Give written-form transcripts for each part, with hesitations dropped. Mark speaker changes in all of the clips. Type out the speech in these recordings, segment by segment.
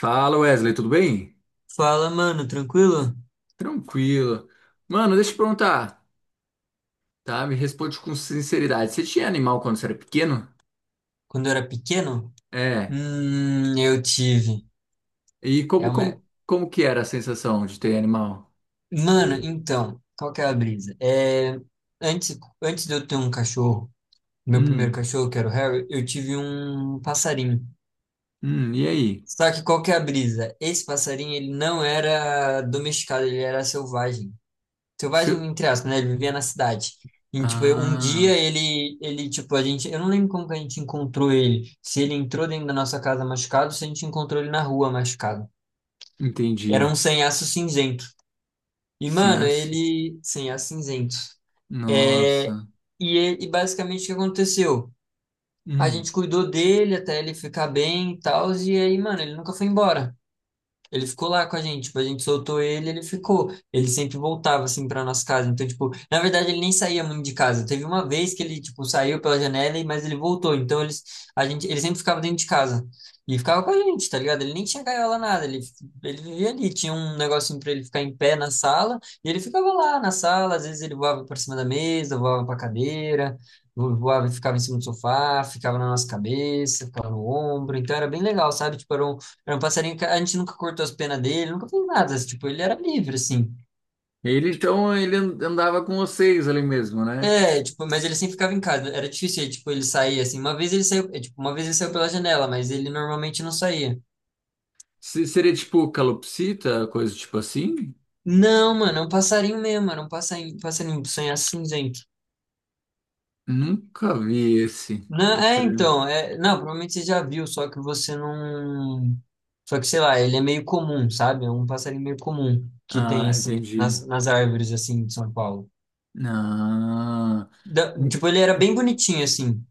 Speaker 1: Fala Wesley, tudo bem?
Speaker 2: Fala, mano, tranquilo?
Speaker 1: Tranquilo. Mano, deixa eu te perguntar, tá? Me responde com sinceridade. Você tinha animal quando você era pequeno?
Speaker 2: Quando eu era pequeno,
Speaker 1: É.
Speaker 2: eu tive.
Speaker 1: E
Speaker 2: É uma...
Speaker 1: como que era a sensação de ter animal?
Speaker 2: Mano, então, qual que é a brisa? Antes de eu ter um cachorro, meu primeiro
Speaker 1: Hum,
Speaker 2: cachorro, que era o Harry, eu tive um passarinho.
Speaker 1: e aí?
Speaker 2: Só que qual que é a brisa? Esse passarinho, ele não era domesticado, ele era selvagem.
Speaker 1: Seu...
Speaker 2: Selvagem, entre aspas, né? Ele vivia na cidade. E, tipo, um
Speaker 1: Ah,
Speaker 2: dia ele, tipo, a gente, eu não lembro como que a gente encontrou ele. Se ele entrou dentro da nossa casa machucado, se a gente encontrou ele na rua machucado. Era um
Speaker 1: entendi.
Speaker 2: sanhaço cinzento. E,
Speaker 1: Sim,
Speaker 2: mano,
Speaker 1: acho.
Speaker 2: ele, sanhaço cinzento. É.
Speaker 1: Nossa.
Speaker 2: E basicamente o que aconteceu? A gente
Speaker 1: Hum.
Speaker 2: cuidou dele até ele ficar bem e tal, e aí, mano, ele nunca foi embora. Ele ficou lá com a gente, tipo, a gente soltou ele, ele ficou. Ele sempre voltava assim para nossa casa. Então, tipo, na verdade ele nem saía muito de casa. Teve uma vez que ele, tipo, saiu pela janela, mas ele voltou. Então, eles, a gente, ele sempre ficava dentro de casa. E ficava com a gente, tá ligado? Ele nem tinha gaiola nada, ele vivia ali, tinha um negocinho para ele ficar em pé na sala, e ele ficava lá na sala, às vezes ele voava para cima da mesa, voava para cadeira, voava e ficava em cima do sofá, ficava na nossa cabeça, ficava no ombro, então era bem legal, sabe? Tipo, era um passarinho que a gente nunca cortou as penas dele, nunca fez nada, assim, tipo, ele era livre, assim.
Speaker 1: Então, ele andava com vocês ali mesmo, né?
Speaker 2: É, tipo, mas ele sempre ficava em casa, era difícil, tipo, ele sair, assim, uma vez ele saiu, é, tipo, uma vez ele saiu pela janela, mas ele normalmente não saía.
Speaker 1: Seria tipo calopsita, coisa tipo assim?
Speaker 2: Não, mano, é um passarinho mesmo, era um passarinho, passarinho sonhar cinzento.
Speaker 1: Nunca vi esse.
Speaker 2: Não,
Speaker 1: Eu
Speaker 2: é,
Speaker 1: creio.
Speaker 2: então, é, não, provavelmente você já viu, só que você não. Só que, sei lá, ele é meio comum, sabe? É um passarinho meio comum que tem,
Speaker 1: Ah,
Speaker 2: assim,
Speaker 1: entendi.
Speaker 2: nas árvores, assim, de São Paulo.
Speaker 1: Ah,
Speaker 2: Tipo,
Speaker 1: m-
Speaker 2: ele era bem bonitinho, assim.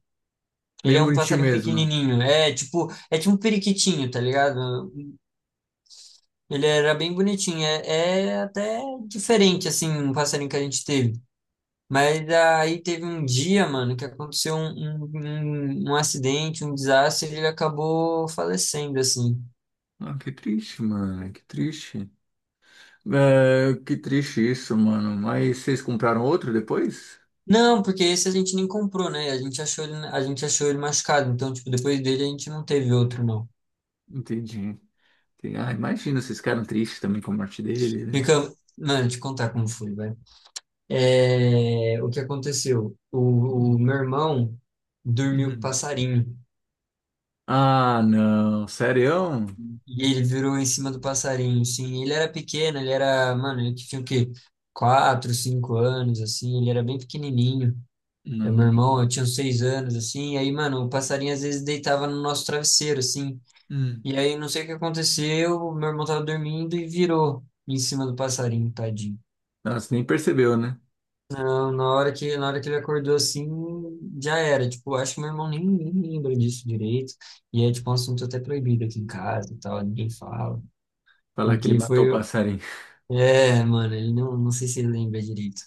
Speaker 2: Ele
Speaker 1: Meio
Speaker 2: é um
Speaker 1: bonitinho
Speaker 2: passarinho
Speaker 1: mesmo.
Speaker 2: pequenininho. É tipo um periquitinho, tá ligado? Ele era bem bonitinho. É até diferente, assim, um passarinho que a gente teve. Mas aí teve um dia, mano, que aconteceu um, um acidente, um desastre, e ele acabou falecendo, assim.
Speaker 1: Ah, que triste, mano, que triste. É, que triste isso, mano. Mas vocês compraram outro depois?
Speaker 2: Não, porque esse a gente nem comprou, né? A gente achou ele, a gente achou ele machucado. Então, tipo, depois dele a gente não teve outro, não.
Speaker 1: Entendi. Entendi. Ah, imagina, vocês ficaram tristes também com a morte dele, né?
Speaker 2: Fica, mano, te contar como foi, vai. É, o que aconteceu? O
Speaker 1: Hum,
Speaker 2: meu irmão dormiu com o
Speaker 1: hum.
Speaker 2: passarinho
Speaker 1: Ah, não, sério?
Speaker 2: e ele virou em cima do passarinho. Sim, ele era pequeno, ele era, mano, ele tinha o quê? 4, 5 anos, assim, ele era bem pequenininho. É meu irmão,
Speaker 1: Não.
Speaker 2: eu tinha uns 6 anos, assim, e aí, mano, o passarinho às vezes deitava no nosso travesseiro, assim.
Speaker 1: Hum.
Speaker 2: E aí, não sei o que aconteceu, meu irmão tava dormindo e virou em cima do passarinho, tadinho.
Speaker 1: Nossa, nem percebeu, né?
Speaker 2: Na hora que ele acordou assim, já era. Tipo, acho que meu irmão nem lembra disso direito. E é, tipo, um assunto até proibido aqui em casa e tal, ninguém fala.
Speaker 1: Falar que ele
Speaker 2: Porque
Speaker 1: matou o
Speaker 2: foi.
Speaker 1: passarinho.
Speaker 2: É, mano, ele não, não sei se ele lembra direito.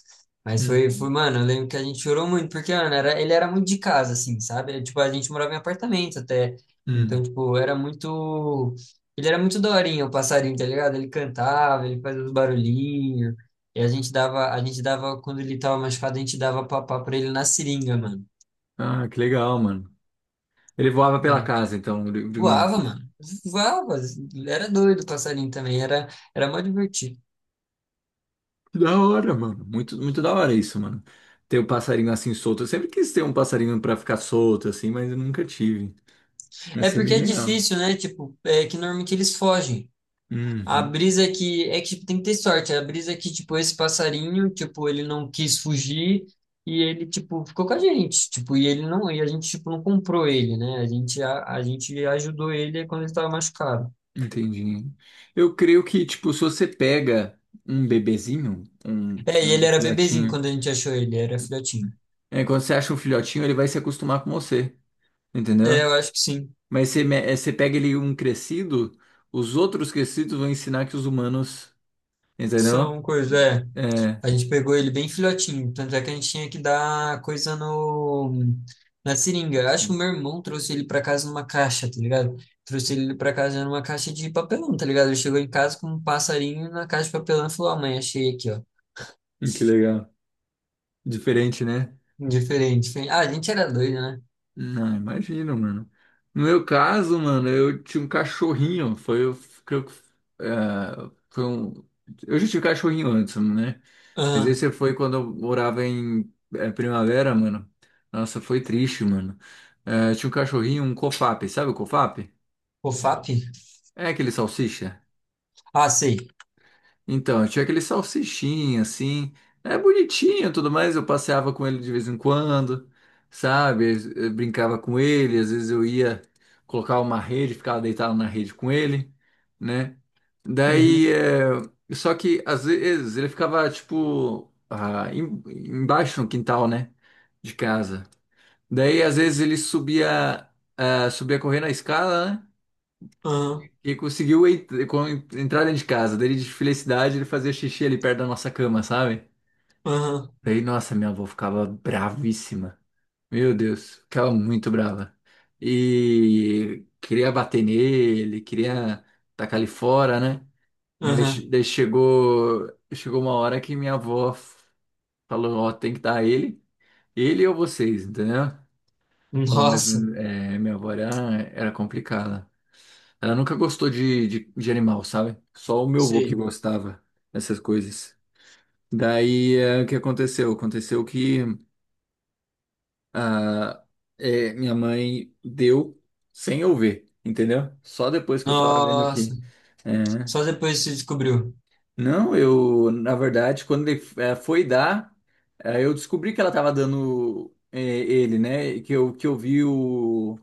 Speaker 2: Mas
Speaker 1: Hum,
Speaker 2: foi, foi, mano, eu lembro que a gente chorou muito, porque, mano, ele era muito de casa, assim, sabe? Era, tipo, a gente morava em apartamento até. Então,
Speaker 1: hum.
Speaker 2: tipo, era muito. Ele era muito daorinha, o passarinho, tá ligado? Ele cantava, ele fazia os barulhinhos. E quando ele tava machucado, a gente dava papá pra ele na seringa, mano.
Speaker 1: Ah, que legal, mano. Ele voava pela
Speaker 2: É.
Speaker 1: casa, então,
Speaker 2: Voava,
Speaker 1: livremente.
Speaker 2: mano. Voava. Era doido o passarinho também, era mó divertido.
Speaker 1: Que da hora, mano. Muito, muito da hora isso, mano. Ter o passarinho assim solto. Eu sempre quis ter um passarinho pra ficar solto, assim, mas eu nunca tive. Vai
Speaker 2: É
Speaker 1: ser
Speaker 2: porque
Speaker 1: bem
Speaker 2: é
Speaker 1: legal.
Speaker 2: difícil, né? Tipo, é que normalmente eles fogem. A
Speaker 1: Uhum,
Speaker 2: brisa que é que tipo, tem que ter sorte. A brisa que, tipo, esse passarinho, tipo, ele não quis fugir e ele, tipo, ficou com a gente. Tipo, e ele não, e a gente, tipo, não comprou ele, né? A gente ajudou ele quando ele estava machucado.
Speaker 1: entendi. Eu creio que, tipo, se você pega um bebezinho, um,
Speaker 2: É, e ele
Speaker 1: um
Speaker 2: era bebezinho
Speaker 1: filhotinho,
Speaker 2: quando a gente achou ele, era filhotinho.
Speaker 1: é, quando você acha um filhotinho, ele vai se acostumar com você,
Speaker 2: É,
Speaker 1: entendeu?
Speaker 2: eu acho que sim.
Speaker 1: Mas você pega ele um crescido, os outros crescidos vão ensinar que os humanos, entendeu?
Speaker 2: São coisas, é.
Speaker 1: É,
Speaker 2: A gente pegou ele bem filhotinho, tanto é que a gente tinha que dar coisa no na seringa. Eu acho que o
Speaker 1: hum,
Speaker 2: meu irmão trouxe ele pra casa numa caixa, tá ligado? Trouxe ele pra casa numa caixa de papelão, tá ligado? Ele chegou em casa com um passarinho na caixa de papelão e falou: "Ah, mãe, achei aqui, ó.
Speaker 1: que legal. Diferente, né?
Speaker 2: Diferente, diferente." Ah, a gente era doido, né?
Speaker 1: Não, imagina, mano. No meu caso, mano, eu tinha um cachorrinho. Foi, eu creio que, foi um. Eu já tive cachorrinho antes, né? Mas
Speaker 2: Aham.
Speaker 1: esse foi quando eu morava em Primavera, mano. Nossa, foi triste, mano. É, tinha um cachorrinho, um cofap, sabe o cofap?
Speaker 2: O FAP?
Speaker 1: É aquele salsicha?
Speaker 2: Ah, sei.
Speaker 1: Então, tinha aquele salsichinho, assim. É bonitinho e tudo mais. Eu passeava com ele de vez em quando, sabe? Eu brincava com ele. Às vezes eu ia colocar uma rede, ficava deitado na rede com ele, né? Daí,
Speaker 2: Uhum.
Speaker 1: só que às vezes ele ficava, tipo, embaixo no quintal, né? De casa. Daí, às vezes ele subia correndo a escada, né?
Speaker 2: Aham.
Speaker 1: Que conseguiu entrar dentro de casa. Daí, de felicidade, ele fazia xixi ali perto da nossa cama, sabe?
Speaker 2: Aham.
Speaker 1: Daí, nossa, minha avó ficava bravíssima. Meu Deus, ficava muito brava. E queria bater nele, queria tacar ele fora, né? Daí che-
Speaker 2: Aham.
Speaker 1: daí chegou, chegou uma hora que minha avó falou, ó, tem que dar ele, ele ou vocês, entendeu? Falou, mas
Speaker 2: Nossa.
Speaker 1: minha avó era complicada. Ela nunca gostou de animal, sabe? Só o meu avô que
Speaker 2: Sei.
Speaker 1: gostava dessas coisas. Daí, o que aconteceu? Aconteceu que ah, minha mãe deu sem eu ver, entendeu? Só depois que eu tava vendo
Speaker 2: Nossa.
Speaker 1: que. É.
Speaker 2: Só depois você descobriu.
Speaker 1: Não, eu, na verdade, quando ele foi dar, eu descobri que ela tava dando ele, né? Que eu vi o.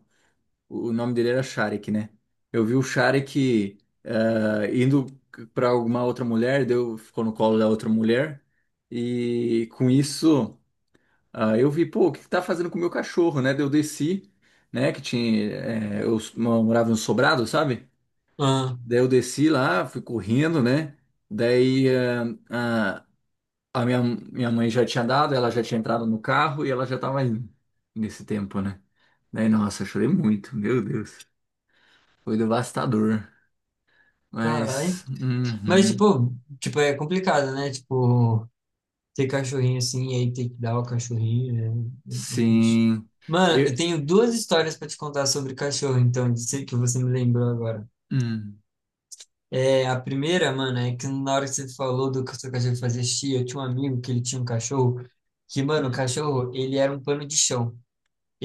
Speaker 1: O nome dele era Sharik, né? Eu vi o Sharik indo para alguma outra mulher, deu, ficou no colo da outra mulher, e com isso eu vi, pô, o que que tá fazendo com o meu cachorro, né? Daí eu desci, né? Que tinha, eh, eu s- morava em um sobrado, sabe?
Speaker 2: Aham.
Speaker 1: Daí eu desci lá, fui correndo, né? Daí ah, a minha mãe já tinha dado, ela já tinha entrado no carro e ela já tava indo nesse tempo, né? Daí, nossa, eu chorei muito, meu Deus. Foi devastador.
Speaker 2: Caralho.
Speaker 1: Mas.
Speaker 2: Mas,
Speaker 1: Uhum,
Speaker 2: tipo, é complicado, né? Tipo, ter cachorrinho assim, e aí ter que dar o cachorrinho, é triste.
Speaker 1: sim.
Speaker 2: Mano, eu
Speaker 1: Eu,
Speaker 2: tenho duas histórias pra te contar sobre cachorro, então, de ser que você me lembrou agora.
Speaker 1: hum,
Speaker 2: É, a primeira, mano, é que na hora que você falou do que o seu cachorro fazia xixi, eu tinha um amigo que ele tinha um cachorro, que, mano, o
Speaker 1: hum.
Speaker 2: cachorro, ele era um pano de chão.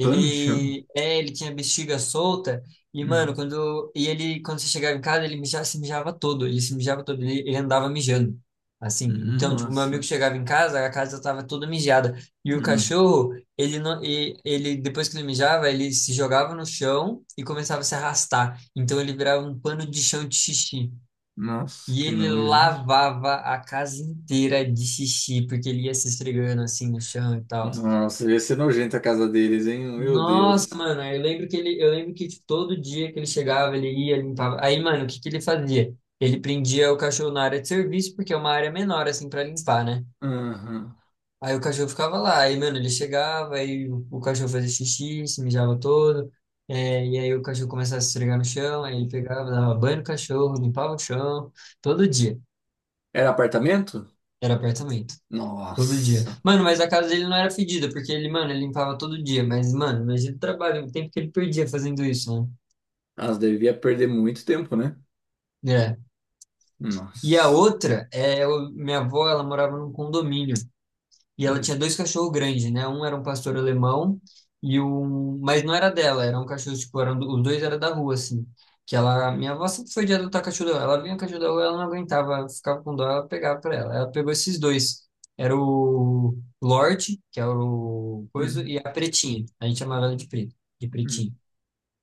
Speaker 1: Pano de chão?
Speaker 2: é, ele tinha bexiga solta e, mano,
Speaker 1: Hum,
Speaker 2: quando, e ele, quando você chegava em casa, ele mijava, se mijava todo, ele se mijava todo, ele andava mijando, assim. Então, tipo, meu amigo
Speaker 1: nossa.
Speaker 2: chegava em casa, a casa tava toda mijada. E o
Speaker 1: Hum,
Speaker 2: cachorro, ele não, e, ele, depois que ele mijava, ele se jogava no chão e começava a se arrastar. Então, ele virava um pano de chão de xixi.
Speaker 1: nossa,
Speaker 2: E
Speaker 1: que
Speaker 2: ele
Speaker 1: nojo.
Speaker 2: lavava a casa inteira de xixi, porque ele ia se esfregando, assim, no chão e tal.
Speaker 1: Nossa, ia ser nojento a casa deles, hein? Meu
Speaker 2: Nossa,
Speaker 1: Deus.
Speaker 2: mano, eu lembro que tipo, todo dia que ele chegava, ele ia, limpava. Aí, mano, o que que ele fazia? Ele prendia o cachorro na área de serviço, porque é uma área menor, assim, pra limpar, né?
Speaker 1: Aham.
Speaker 2: Aí o cachorro ficava lá, aí, mano, ele chegava, aí o cachorro fazia xixi, se mijava todo, é, e aí o cachorro começava a se esfregar no chão, aí ele pegava, dava banho no cachorro, limpava o chão, todo dia.
Speaker 1: Era apartamento?
Speaker 2: Era apartamento, todo dia.
Speaker 1: Nossa.
Speaker 2: Mano, mas a casa dele não era fedida, porque ele, mano, ele limpava todo dia, mas, mano, imagina o trabalho, o tempo que ele perdia fazendo isso,
Speaker 1: Elas devia perder muito tempo, né?
Speaker 2: né? É. E a
Speaker 1: Nossa.
Speaker 2: outra, é, minha avó, ela morava num condomínio e ela
Speaker 1: Hum,
Speaker 2: tinha dois cachorros grandes, né? Um era um pastor alemão e um, mas não era dela, era um cachorro tipo, eram, os dois eram da rua assim. Que ela, minha avó sempre foi de adotar cachorro da rua. Ela vinha o cachorro da rua, ela não aguentava, ficava com dó, ela pegava pra ela. Ela pegou esses dois. Era o Lorde, que era o coisa,
Speaker 1: hum,
Speaker 2: e a Pretinha. A gente chamava ela de Preta, de
Speaker 1: hum.
Speaker 2: Pretinha.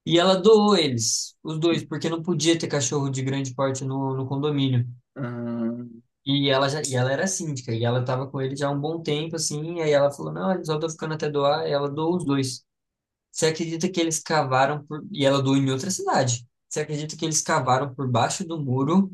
Speaker 2: E ela doou eles, os
Speaker 1: Hum.
Speaker 2: dois, porque não podia ter cachorro de grande porte no condomínio.
Speaker 1: Ah,
Speaker 2: E ela era síndica, e ela tava com ele já há um bom tempo, assim, e aí ela falou, não, eles só estão ficando até doar, e ela doou os dois. Você acredita que eles cavaram por... E ela doou em outra cidade. Você acredita que eles cavaram por baixo do muro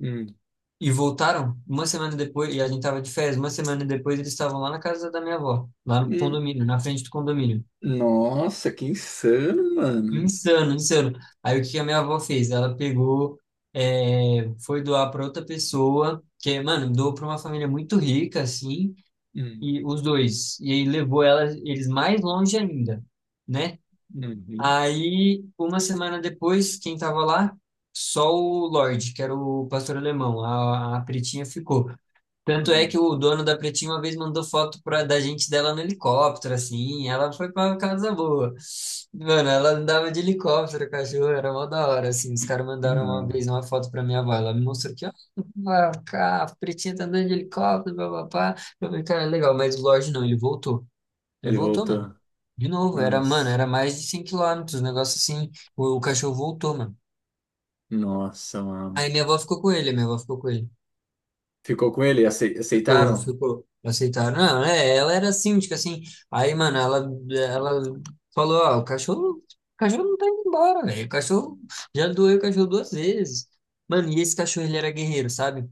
Speaker 1: hum,
Speaker 2: e voltaram? Uma semana depois, e a gente tava de férias, uma semana depois eles estavam lá na casa da minha avó, lá no
Speaker 1: hum.
Speaker 2: condomínio, na frente do condomínio.
Speaker 1: Nossa, que insano, mano.
Speaker 2: Insano, insano. Aí o que que a minha avó fez? Ela pegou, foi doar para outra pessoa, que, mano, doou para uma família muito rica, assim,
Speaker 1: Hum,
Speaker 2: e os dois. E aí levou ela, eles mais longe ainda, né?
Speaker 1: uhum.
Speaker 2: Aí, uma semana depois, quem tava lá? Só o Lorde, que era o pastor alemão. A Pretinha ficou. Tanto é
Speaker 1: Não,
Speaker 2: que o dono da Pretinha uma vez mandou foto pra, da gente dela no helicóptero, assim. Ela foi pra casa boa. Mano, ela andava de helicóptero, cachorro, era mó da hora, assim. Os caras
Speaker 1: e
Speaker 2: mandaram uma
Speaker 1: não.
Speaker 2: vez uma foto pra minha avó. Ela me mostrou que, ó, a Pretinha tá andando de helicóptero, papapá. Eu falei, cara, legal, mas o Lorde não, ele voltou. Ele
Speaker 1: Ele
Speaker 2: voltou, mano.
Speaker 1: voltou.
Speaker 2: De novo, era, mano,
Speaker 1: Nossa,
Speaker 2: era mais de 100 quilômetros, um negócio assim. O cachorro voltou, mano.
Speaker 1: nossa, mano.
Speaker 2: Aí minha avó ficou com ele, minha avó ficou com ele.
Speaker 1: Ficou com ele?
Speaker 2: Ficou,
Speaker 1: Aceitaram?
Speaker 2: ficou. Aceitaram. Não, é, ela era síndica, assim. Aí, mano, ela falou, ó, o cachorro não tá indo embora, velho. O cachorro já doeu o cachorro duas vezes. Mano, e esse cachorro, ele era guerreiro, sabe?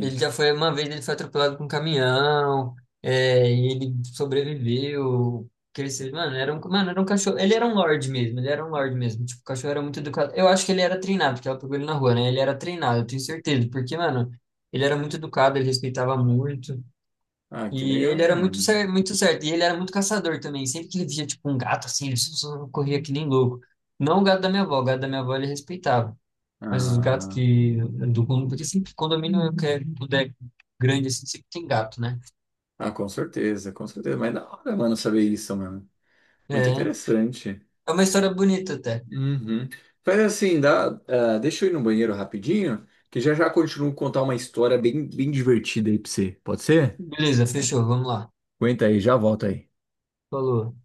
Speaker 2: Ele já foi uma vez, ele foi atropelado por um caminhão, e ele sobreviveu. Que ele cresceu, mano, era um cachorro. Ele era um lorde mesmo, ele era um lorde mesmo. Tipo, o cachorro era muito educado. Eu acho que ele era treinado, porque ela pegou ele na rua, né? Ele era treinado, eu tenho certeza, porque, mano, ele era muito educado, ele respeitava muito.
Speaker 1: Ah, que
Speaker 2: E
Speaker 1: legal,
Speaker 2: ele era muito
Speaker 1: mano.
Speaker 2: certo, muito certo. E ele era muito caçador também. Sempre que ele via, tipo, um gato assim, ele só corria que nem louco. Não o gato da minha avó, o gato da minha avó ele respeitava. Mas os gatos
Speaker 1: Ah,
Speaker 2: que do condomínio, porque sempre condomínio que tudo é grande assim, sempre tem gato, né?
Speaker 1: ah, com certeza, com certeza. Mas é da hora, mano, saber isso, mano. Muito
Speaker 2: É,
Speaker 1: interessante.
Speaker 2: é uma história bonita até.
Speaker 1: Uhum. Faz assim, dá, deixa eu ir no banheiro rapidinho, que já já continuo a contar uma história bem, bem divertida aí pra você. Pode ser?
Speaker 2: Beleza, fechou, vamos lá.
Speaker 1: Aguenta aí, já volto aí.
Speaker 2: Falou.